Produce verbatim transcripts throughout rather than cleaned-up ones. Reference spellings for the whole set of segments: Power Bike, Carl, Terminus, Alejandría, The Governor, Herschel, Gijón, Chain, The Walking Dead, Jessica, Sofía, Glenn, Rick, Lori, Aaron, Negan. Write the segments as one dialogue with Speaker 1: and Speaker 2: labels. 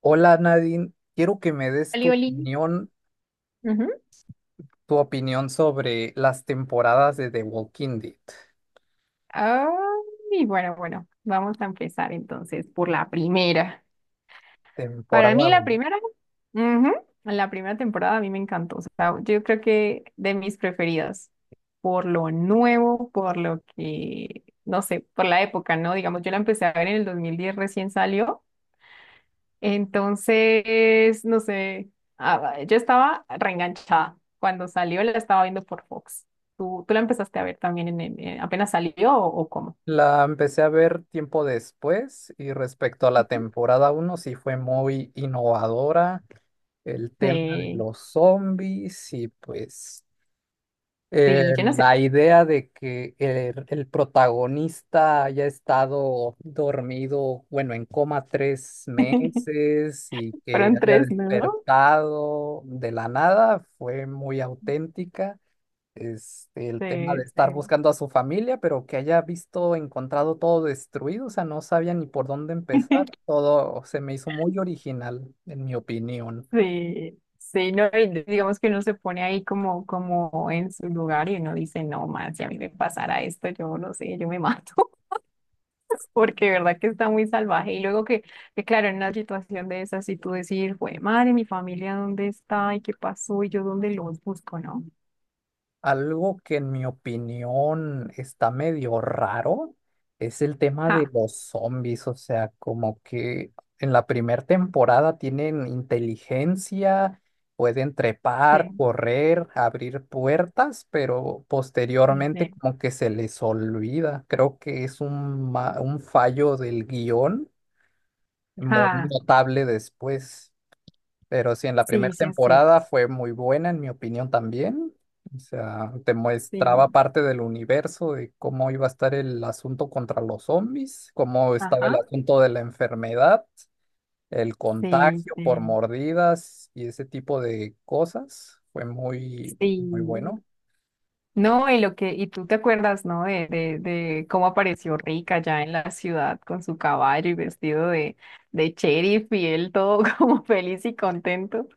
Speaker 1: Hola Nadine, quiero que me des tu
Speaker 2: Oli, oli.
Speaker 1: opinión, tu opinión sobre las temporadas de The Walking Dead,
Speaker 2: Ah, y bueno, bueno, vamos a empezar entonces por la primera. Para mí
Speaker 1: temporada
Speaker 2: la
Speaker 1: uno.
Speaker 2: primera, ujú, la primera temporada a mí me encantó. O sea, yo creo que de mis preferidas, por lo nuevo, por lo que, no sé, por la época, ¿no? Digamos, yo la empecé a ver en el dos mil diez, recién salió. Entonces, no sé, ah, yo estaba reenganchada. Cuando salió la estaba viendo por Fox. ¿Tú, tú la empezaste a ver también en, el- en- apenas salió o o cómo?
Speaker 1: La empecé a ver tiempo después y respecto a la temporada uno sí fue muy innovadora el tema de
Speaker 2: Sí,
Speaker 1: los zombies y pues eh,
Speaker 2: sí, yo no sé.
Speaker 1: la idea de que el, el protagonista haya estado dormido, bueno, en coma tres meses y que
Speaker 2: Fueron
Speaker 1: haya
Speaker 2: tres, ¿no?
Speaker 1: despertado de la nada fue muy auténtica. Este, el tema
Speaker 2: Sí,
Speaker 1: de estar
Speaker 2: sí.
Speaker 1: buscando a su familia, pero que haya visto, encontrado todo destruido, o sea, no sabía ni por dónde empezar. Todo se me hizo muy original, en mi opinión.
Speaker 2: Sí, sí, no, y digamos que uno se pone ahí como, como en su lugar y uno dice, no más, si a mí me pasara esto, yo no sé, yo me mato, porque de verdad que está muy salvaje. Y luego que, que claro, en una situación de esas, si tú decir, güey, madre, mi familia, ¿dónde está? ¿Y qué pasó? ¿Y yo dónde los busco? ¿No?
Speaker 1: Algo que en mi opinión está medio raro es el tema de
Speaker 2: Ja,
Speaker 1: los zombies, o sea, como que en la primera temporada tienen inteligencia, pueden trepar,
Speaker 2: sí,
Speaker 1: correr, abrir puertas, pero
Speaker 2: sí,
Speaker 1: posteriormente
Speaker 2: sí,
Speaker 1: como que se les olvida. Creo que es un, ma- un fallo del guión muy
Speaker 2: ja,
Speaker 1: notable después. Pero sí, en la
Speaker 2: sí,
Speaker 1: primera
Speaker 2: sí, es cierto,
Speaker 1: temporada fue muy buena, en mi opinión también. O sea, te mostraba
Speaker 2: sí,
Speaker 1: parte del universo, de cómo iba a estar el asunto contra los zombies, cómo estaba el
Speaker 2: ajá,
Speaker 1: asunto de la enfermedad, el
Speaker 2: sí,
Speaker 1: contagio por
Speaker 2: sí.
Speaker 1: mordidas y ese tipo de cosas. Fue muy, muy
Speaker 2: Sí.
Speaker 1: bueno.
Speaker 2: No, y lo que, y tú te acuerdas, ¿no? De, de, de cómo apareció Rick allá en la ciudad con su caballo y vestido de, de sheriff y él todo como feliz y contento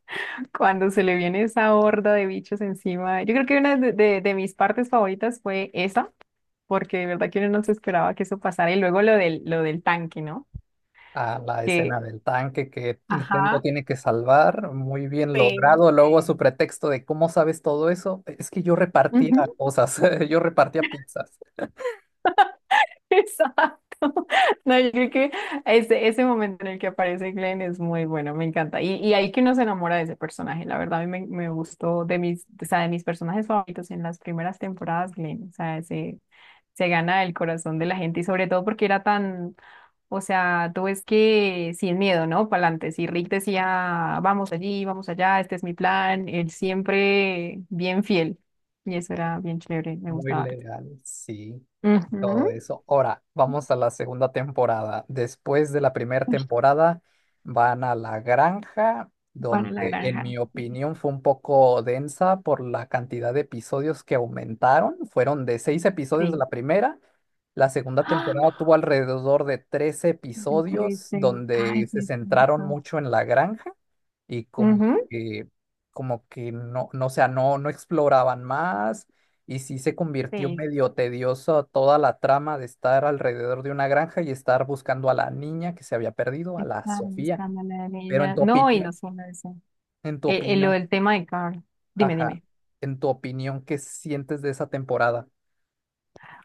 Speaker 2: cuando se le viene esa horda de bichos encima. Yo creo que una de, de, de mis partes favoritas fue esa, porque de verdad que uno no se esperaba que eso pasara. Y luego lo del, lo del tanque, ¿no?
Speaker 1: A la
Speaker 2: Que,
Speaker 1: escena del tanque que Nintendo
Speaker 2: ajá,
Speaker 1: tiene que salvar, muy bien
Speaker 2: sí,
Speaker 1: logrado. Luego su
Speaker 2: sí.
Speaker 1: pretexto de cómo sabes todo eso, es que yo repartía cosas, yo repartía pizzas.
Speaker 2: Exacto. No, yo creo que ese, ese momento en el que aparece Glenn es muy bueno, me encanta. Y, y ahí que uno se enamora de ese personaje. La verdad, a mí me, me gustó de mis, o sea, de mis personajes favoritos en las primeras temporadas, Glenn. O sea, se, se gana el corazón de la gente y sobre todo porque era tan, o sea, tú ves que sin miedo, ¿no? Para adelante. Si Rick decía, vamos allí, vamos allá, este es mi plan, él siempre bien fiel. Y eso era bien chévere, me
Speaker 1: Muy
Speaker 2: gustaba harto.
Speaker 1: legal, sí. Todo
Speaker 2: Ujú.
Speaker 1: eso. Ahora, vamos a la segunda temporada. Después de la primera temporada, van a la granja,
Speaker 2: Para la
Speaker 1: donde en
Speaker 2: granja.
Speaker 1: mi
Speaker 2: Sí.
Speaker 1: opinión fue un poco densa por la cantidad de episodios que aumentaron. Fueron de seis episodios de
Speaker 2: Sí.
Speaker 1: la primera. La segunda
Speaker 2: ¡Ah!
Speaker 1: temporada tuvo alrededor de trece
Speaker 2: De tres
Speaker 1: episodios,
Speaker 2: de Ay,
Speaker 1: donde se
Speaker 2: sí, es
Speaker 1: centraron
Speaker 2: cierto.
Speaker 1: mucho en la granja y como
Speaker 2: Ujú.
Speaker 1: que, como que no, no, o sea, no, no exploraban más y sí se convirtió
Speaker 2: Sí.
Speaker 1: medio tedioso toda la trama de estar alrededor de una granja y estar buscando a la niña que se había perdido, a la
Speaker 2: Estaban
Speaker 1: Sofía.
Speaker 2: buscando a la
Speaker 1: Pero en
Speaker 2: niña.
Speaker 1: tu
Speaker 2: No, y no
Speaker 1: opinión,
Speaker 2: solo eso.
Speaker 1: en tu
Speaker 2: Eh, eh, lo
Speaker 1: opinión,
Speaker 2: del tema de Carl. Dime,
Speaker 1: ajá,
Speaker 2: dime.
Speaker 1: en tu opinión, ¿qué sientes de esa temporada?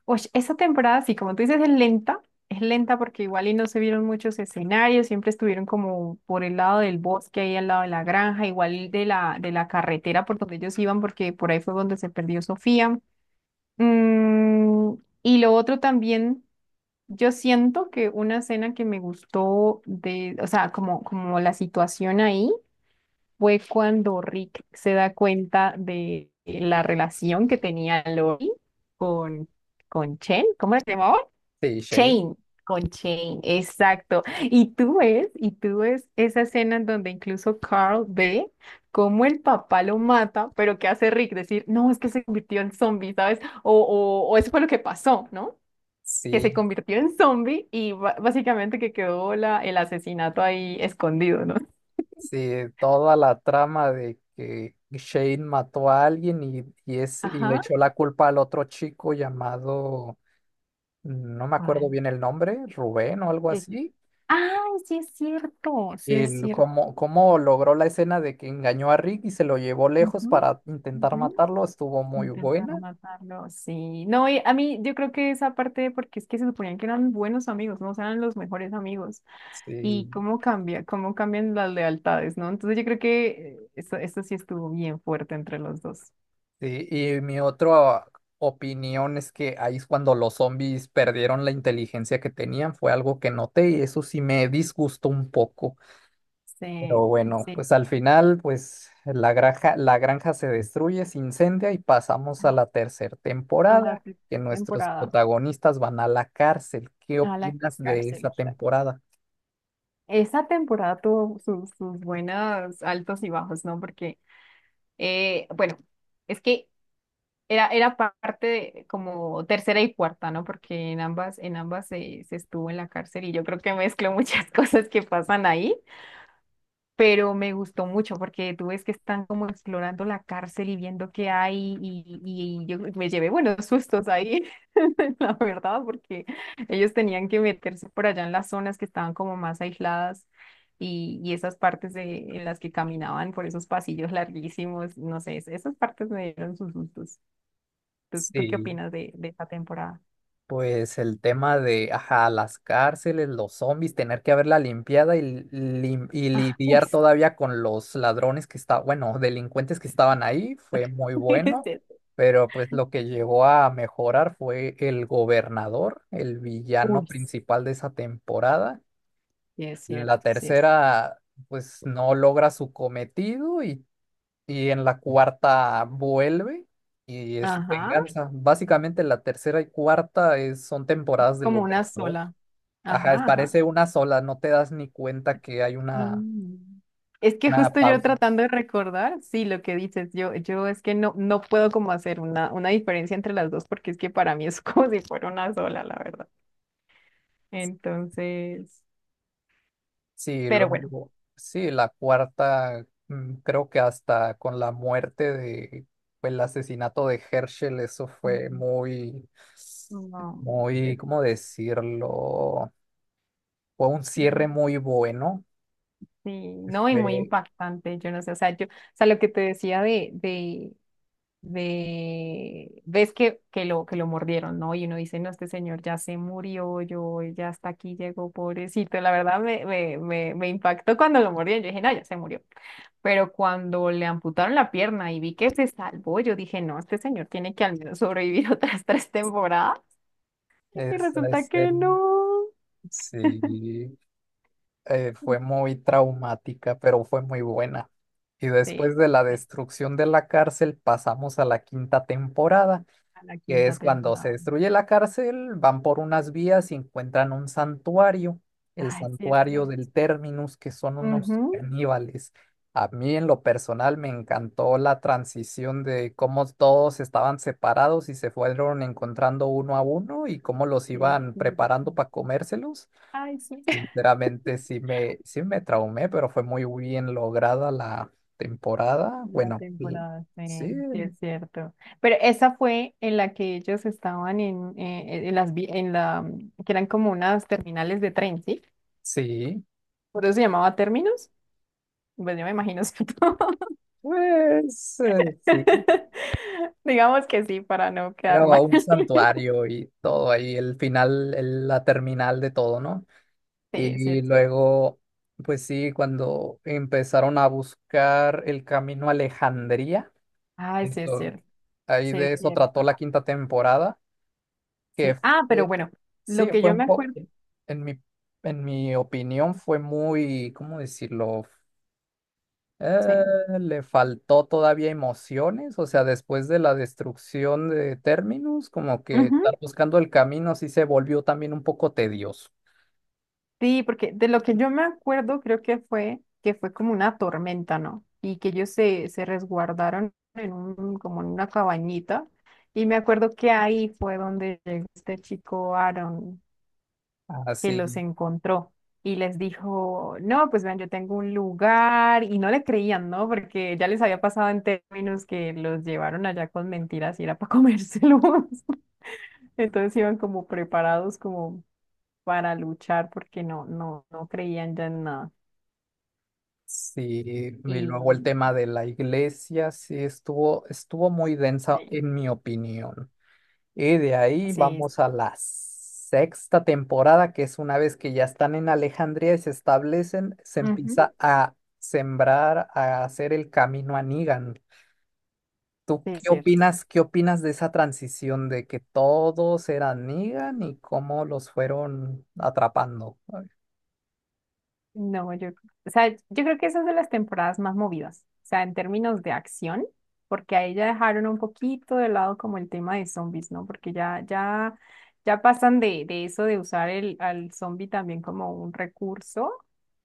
Speaker 2: Oye, esa temporada, sí, como tú dices, es lenta. Es lenta porque igual y no se vieron muchos escenarios, siempre estuvieron como por el lado del bosque, ahí al lado de la granja, igual de la, de la carretera por donde ellos iban, porque por ahí fue donde se perdió Sofía. Mm, y lo otro también. Yo siento que una escena que me gustó de, o sea, como, como la situación ahí fue cuando Rick se da cuenta de la relación que tenía Lori con, con Chen, ¿cómo se llamaba?
Speaker 1: Sí, Shane.
Speaker 2: Chain, con Chain, exacto. Y tú ves, y tú ves esa escena en donde incluso Carl ve cómo el papá lo mata, pero ¿qué hace Rick? Decir, no, es que se convirtió en zombie, ¿sabes? O, o, o eso fue lo que pasó, ¿no? Que se
Speaker 1: Sí,
Speaker 2: convirtió en zombie y ba- básicamente que quedó la, el asesinato ahí escondido, ¿no?
Speaker 1: sí, toda la trama de que Shane mató a alguien y, y, es, y le
Speaker 2: Ajá.
Speaker 1: echó la culpa al otro chico llamado, no me acuerdo
Speaker 2: ¿Cuál?
Speaker 1: bien el nombre, Rubén o algo
Speaker 2: Sí, sí.
Speaker 1: así,
Speaker 2: Ay, sí es cierto, sí es
Speaker 1: el,
Speaker 2: cierto.
Speaker 1: cómo, cómo logró la escena de que engañó a Rick y se lo llevó lejos
Speaker 2: Ujú,
Speaker 1: para intentar
Speaker 2: ujú.
Speaker 1: matarlo, estuvo muy
Speaker 2: Intentar
Speaker 1: buena.
Speaker 2: matarlo, sí. No, y a mí yo creo que esa parte, porque es que se suponían que eran buenos amigos, no. O sea, eran los mejores amigos. Y
Speaker 1: Sí,
Speaker 2: cómo cambia, cómo cambian las lealtades, ¿no? Entonces yo creo que eh, eso, eso sí estuvo bien fuerte entre los dos.
Speaker 1: sí, y mi otra opinión es que ahí es cuando los zombies perdieron la inteligencia que tenían, fue algo que noté y eso sí me disgustó un poco.
Speaker 2: Sí,
Speaker 1: Pero bueno,
Speaker 2: sí.
Speaker 1: pues al final, pues la granja, la granja se destruye, se incendia y pasamos a la tercera
Speaker 2: A la
Speaker 1: temporada, que
Speaker 2: primera
Speaker 1: nuestros
Speaker 2: temporada.
Speaker 1: protagonistas van a la cárcel. ¿Qué
Speaker 2: A la
Speaker 1: opinas de
Speaker 2: cárcel,
Speaker 1: esa
Speaker 2: exacto.
Speaker 1: temporada?
Speaker 2: Esa temporada tuvo sus, sus buenos altos y bajos, ¿no? Porque, eh, bueno, es que era, era parte de como tercera y cuarta, ¿no? Porque en ambas, en ambas se, se estuvo en la cárcel y yo creo que mezcló muchas cosas que pasan ahí. Pero me gustó mucho porque tú ves que están como explorando la cárcel y viendo qué hay y, y- y yo me llevé buenos sustos ahí, la verdad, porque ellos tenían que meterse por allá en las zonas que estaban como más aisladas y, y esas partes de, en las que caminaban por esos pasillos larguísimos, no sé, es- esas partes me dieron sus sustos. ¿Tú, tú qué
Speaker 1: Sí.
Speaker 2: opinas de, de esta temporada?
Speaker 1: Pues el tema de, ajá, las cárceles, los zombies, tener que haberla limpiada y lim- y
Speaker 2: Ah, uy,
Speaker 1: lidiar
Speaker 2: sí,
Speaker 1: todavía con los ladrones que estaban, bueno, delincuentes que estaban ahí, fue muy
Speaker 2: es
Speaker 1: bueno,
Speaker 2: cierto.
Speaker 1: pero pues lo que llegó a mejorar fue el gobernador, el villano
Speaker 2: Uy,
Speaker 1: principal de esa temporada.
Speaker 2: sí es
Speaker 1: La
Speaker 2: cierto, sí es cierto.
Speaker 1: tercera, pues no logra su cometido y y en la cuarta vuelve y es su
Speaker 2: Ajá,
Speaker 1: venganza. Básicamente la tercera y cuarta es- son temporadas del
Speaker 2: como una
Speaker 1: gobernador.
Speaker 2: sola.
Speaker 1: Ajá, es-
Speaker 2: Ajá, ajá.
Speaker 1: parece una sola, no te das ni cuenta que hay una,
Speaker 2: Mm. Es que
Speaker 1: una
Speaker 2: justo yo
Speaker 1: pausa.
Speaker 2: tratando de recordar, sí, lo que dices, yo, yo es que no, no puedo como hacer una, una diferencia entre las dos porque es que para mí es como si fuera una sola, la verdad. Entonces,
Speaker 1: Sí,
Speaker 2: pero bueno,
Speaker 1: luego, sí, la cuarta, mm, creo que hasta con la muerte de, fue el asesinato de Herschel, eso fue muy,
Speaker 2: no,
Speaker 1: muy,
Speaker 2: esto-
Speaker 1: ¿cómo decirlo? Fue un cierre muy bueno.
Speaker 2: sí, no, y muy
Speaker 1: Fue,
Speaker 2: impactante, yo no sé, o sea, yo, o sea, lo que te decía de, de, de, ves que, que lo, que lo mordieron, ¿no? Y uno dice, no, este señor ya se murió, yo ya hasta aquí llegó, pobrecito. La verdad me, me, me, me impactó cuando lo mordieron, yo dije, no, ya se murió. Pero cuando le amputaron la pierna y vi que se salvó, yo dije, no, este señor tiene que al menos sobrevivir otras tres temporadas. Y
Speaker 1: es,
Speaker 2: resulta que no.
Speaker 1: Sí, eh, fue muy traumática, pero fue muy buena. Y después
Speaker 2: Sí,
Speaker 1: de la
Speaker 2: sí,
Speaker 1: destrucción de la cárcel, pasamos a la quinta temporada,
Speaker 2: a la
Speaker 1: que
Speaker 2: quinta
Speaker 1: es cuando se
Speaker 2: temporada.
Speaker 1: destruye la cárcel, van por unas vías y encuentran un santuario, el
Speaker 2: Ay, sí, es
Speaker 1: santuario
Speaker 2: cierto.
Speaker 1: del Terminus, que son unos
Speaker 2: Ujú,
Speaker 1: caníbales. A mí en lo personal me encantó la transición de cómo todos estaban separados y se fueron encontrando uno a uno y cómo los
Speaker 2: sí, es
Speaker 1: iban
Speaker 2: cierto.
Speaker 1: preparando para comérselos.
Speaker 2: Ay, sí.
Speaker 1: Sinceramente sí me, sí me traumé, pero fue muy bien lograda la temporada.
Speaker 2: La
Speaker 1: Bueno, y-
Speaker 2: temporada,
Speaker 1: sí,
Speaker 2: sí, sí es cierto. Pero esa fue en la que ellos estaban en, eh, en las, vi- en la mm, que eran como unas terminales de tren, ¿sí?
Speaker 1: sí,
Speaker 2: Por eso se llamaba términos. Pues yo me imagino, ¿cierto?
Speaker 1: pues eh, sí.
Speaker 2: Digamos que sí, para no
Speaker 1: Era
Speaker 2: quedar mal.
Speaker 1: un santuario y todo ahí, el final, el- la terminal de todo, ¿no?
Speaker 2: Sí, sí
Speaker 1: Y
Speaker 2: es cierto.
Speaker 1: luego, pues sí, cuando empezaron a buscar el camino a Alejandría,
Speaker 2: Ay, sí es
Speaker 1: eso,
Speaker 2: cierto.
Speaker 1: ahí
Speaker 2: Sí
Speaker 1: de
Speaker 2: es
Speaker 1: eso trató
Speaker 2: cierto.
Speaker 1: la quinta temporada, que
Speaker 2: Sí. Ah, pero
Speaker 1: fue,
Speaker 2: bueno,
Speaker 1: sí,
Speaker 2: lo que
Speaker 1: fue
Speaker 2: yo
Speaker 1: un
Speaker 2: me
Speaker 1: poco,
Speaker 2: acuerdo,
Speaker 1: en mi, en mi opinión fue muy, ¿cómo decirlo? Eh,
Speaker 2: sí.
Speaker 1: le faltó todavía emociones, o sea, después de la destrucción de Terminus, como que estar
Speaker 2: Ujú.
Speaker 1: buscando el camino sí se volvió también un poco tedioso.
Speaker 2: Sí, porque de lo que yo me acuerdo creo que fue que fue como una tormenta, ¿no? Y que ellos se, se resguardaron en un, como en una cabañita. Y me acuerdo que ahí fue donde llegó este chico Aaron que
Speaker 1: Así,
Speaker 2: los
Speaker 1: sí,
Speaker 2: encontró y les dijo, no, pues vean, yo tengo un lugar. Y no le creían, ¿no? Porque ya les había pasado en términos que los llevaron allá con mentiras y era para comérselos. Entonces iban como preparados como para luchar porque no, no, no creían ya en nada.
Speaker 1: sí, y
Speaker 2: Y
Speaker 1: luego el tema de la iglesia sí estuvo, estuvo muy densa
Speaker 2: Sí.
Speaker 1: en mi opinión. Y de ahí
Speaker 2: Sí.
Speaker 1: vamos a la sexta temporada, que es una vez que ya están en Alejandría y se establecen, se
Speaker 2: Ujú.
Speaker 1: empieza a sembrar, a hacer el camino a Negan. ¿Tú
Speaker 2: Sí, es
Speaker 1: qué
Speaker 2: cierto.
Speaker 1: opinas, qué opinas de esa transición de que todos eran Negan y cómo los fueron atrapando?
Speaker 2: No, yo, o sea, yo creo que esa es de las temporadas más movidas, o sea, en términos de acción, porque ahí ya dejaron un poquito de lado como el tema de zombies, ¿no? Porque ya, ya, ya pasan de, de eso de usar el, al zombie también como un recurso,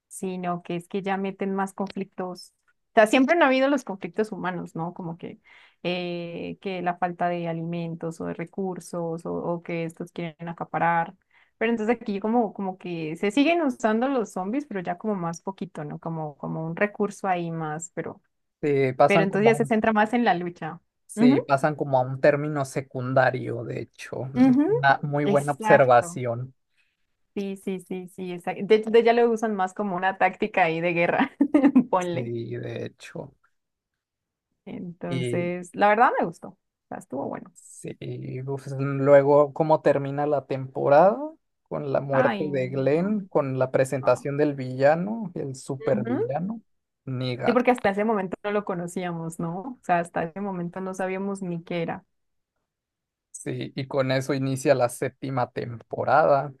Speaker 2: sino que es que ya meten más conflictos. O sea, siempre han habido los conflictos humanos, ¿no? Como que, eh, que la falta de alimentos o de recursos o, o que estos quieren acaparar. Pero entonces aquí como, como que se siguen usando los zombies, pero ya como más poquito, ¿no? Como, como un recurso ahí más, pero,
Speaker 1: Sí,
Speaker 2: pero
Speaker 1: pasan
Speaker 2: entonces
Speaker 1: como
Speaker 2: ya
Speaker 1: a
Speaker 2: se
Speaker 1: un,
Speaker 2: centra más en la lucha.
Speaker 1: sí,
Speaker 2: Ujú,
Speaker 1: pasan como a un término secundario, de hecho. Es
Speaker 2: ujú,
Speaker 1: una muy buena
Speaker 2: exacto.
Speaker 1: observación.
Speaker 2: Sí, sí, sí, sí, exacto. De hecho, de- ya lo usan más como una táctica ahí de guerra, ponle.
Speaker 1: Sí, de hecho.
Speaker 2: Entonces, la verdad me gustó. O sea, estuvo bueno.
Speaker 1: Sí, uf, luego, ¿cómo termina la temporada? Con la
Speaker 2: Ay,
Speaker 1: muerte de
Speaker 2: no.
Speaker 1: Glenn, con la
Speaker 2: No.
Speaker 1: presentación del villano, el
Speaker 2: Ujú.
Speaker 1: supervillano,
Speaker 2: Sí,
Speaker 1: Negan.
Speaker 2: porque hasta ese momento no lo conocíamos, ¿no? O sea, hasta ese momento no sabíamos ni qué era.
Speaker 1: Sí, y con eso inicia la séptima temporada,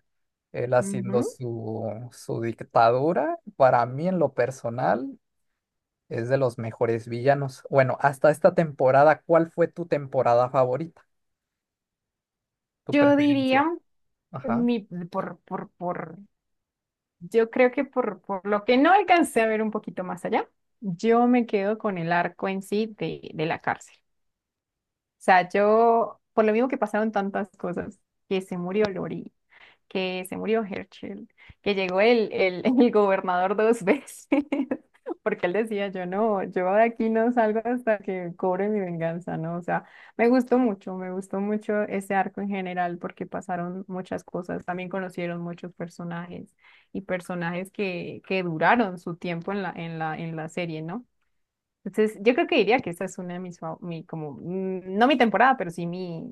Speaker 1: él haciendo
Speaker 2: Ujú.
Speaker 1: su, su dictadura. Para mí, en lo personal, es de los mejores villanos. Bueno, hasta esta temporada, ¿cuál fue tu temporada favorita? ¿Tu
Speaker 2: Yo diría.
Speaker 1: preferencia? Ajá.
Speaker 2: Mi, por, por, por, yo creo que por, por lo que no alcancé a ver un poquito más allá, yo me quedo con el arco en sí de, de la cárcel. O sea, yo, por lo mismo que pasaron tantas cosas, que se murió Lori, que se murió Herschel, que llegó el, el, el gobernador dos veces, porque él decía, yo no, yo de aquí no salgo hasta que cobre mi venganza, ¿no? O sea, me gustó mucho, me gustó mucho ese arco en general, porque pasaron muchas cosas, también conocieron muchos personajes y personajes que, que duraron su tiempo en la, en la, en la serie, ¿no? Entonces, yo creo que diría que esta es una de mis, fa- mi, como, mm, no mi temporada, pero sí mi,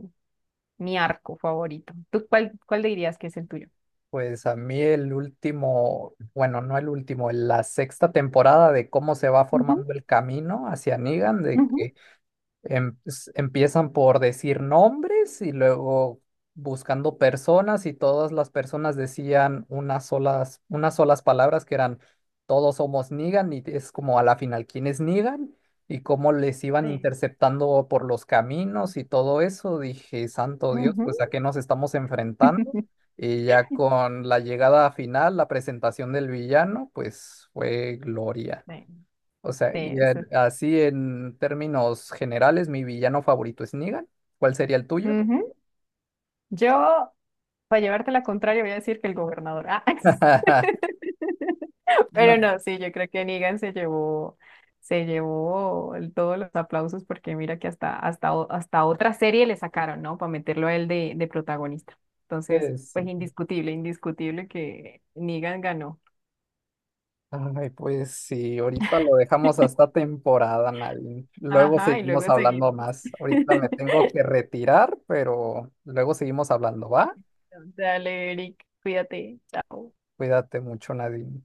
Speaker 2: mi arco favorito. ¿Tú cuál, cuál dirías que es el tuyo?
Speaker 1: Pues a mí el último, bueno, no el último, la sexta temporada de cómo se va
Speaker 2: Ujú.
Speaker 1: formando el camino hacia Negan, de
Speaker 2: Ujú,
Speaker 1: que em- s- empiezan por decir nombres y luego buscando personas y todas las personas decían unas solas, unas solas palabras que eran todos somos Negan y es como a la final quién es Negan y cómo les iban
Speaker 2: sí.
Speaker 1: interceptando por los caminos y todo eso. Dije, santo Dios,
Speaker 2: Ujú.
Speaker 1: pues a qué nos estamos enfrentando. Y ya con la llegada final, la presentación del villano, pues fue gloria.
Speaker 2: Sí,
Speaker 1: O sea,
Speaker 2: sí,
Speaker 1: y
Speaker 2: eso.
Speaker 1: en- así en términos generales, mi villano favorito es Negan. ¿Cuál sería el tuyo?
Speaker 2: Ujú. Yo, para llevarte la contraria, voy a decir que el gobernador. Ah,
Speaker 1: No,
Speaker 2: pero no, sí, yo creo que Negan se llevó, se llevó el- todos los aplausos porque mira que hasta, hasta, o- hasta otra serie le sacaron, ¿no? Para meterlo a él de, de protagonista. Entonces,
Speaker 1: pues
Speaker 2: pues
Speaker 1: sí.
Speaker 2: indiscutible, indiscutible que Negan ganó.
Speaker 1: Ay, pues sí, ahorita lo dejamos hasta temporada, Nadine. Luego
Speaker 2: Ajá, y luego
Speaker 1: seguimos hablando
Speaker 2: seguimos.
Speaker 1: más. Ahorita me tengo que retirar, pero luego seguimos hablando, ¿va?
Speaker 2: Dale, Eric, cuídate. Chao.
Speaker 1: Cuídate mucho, Nadine.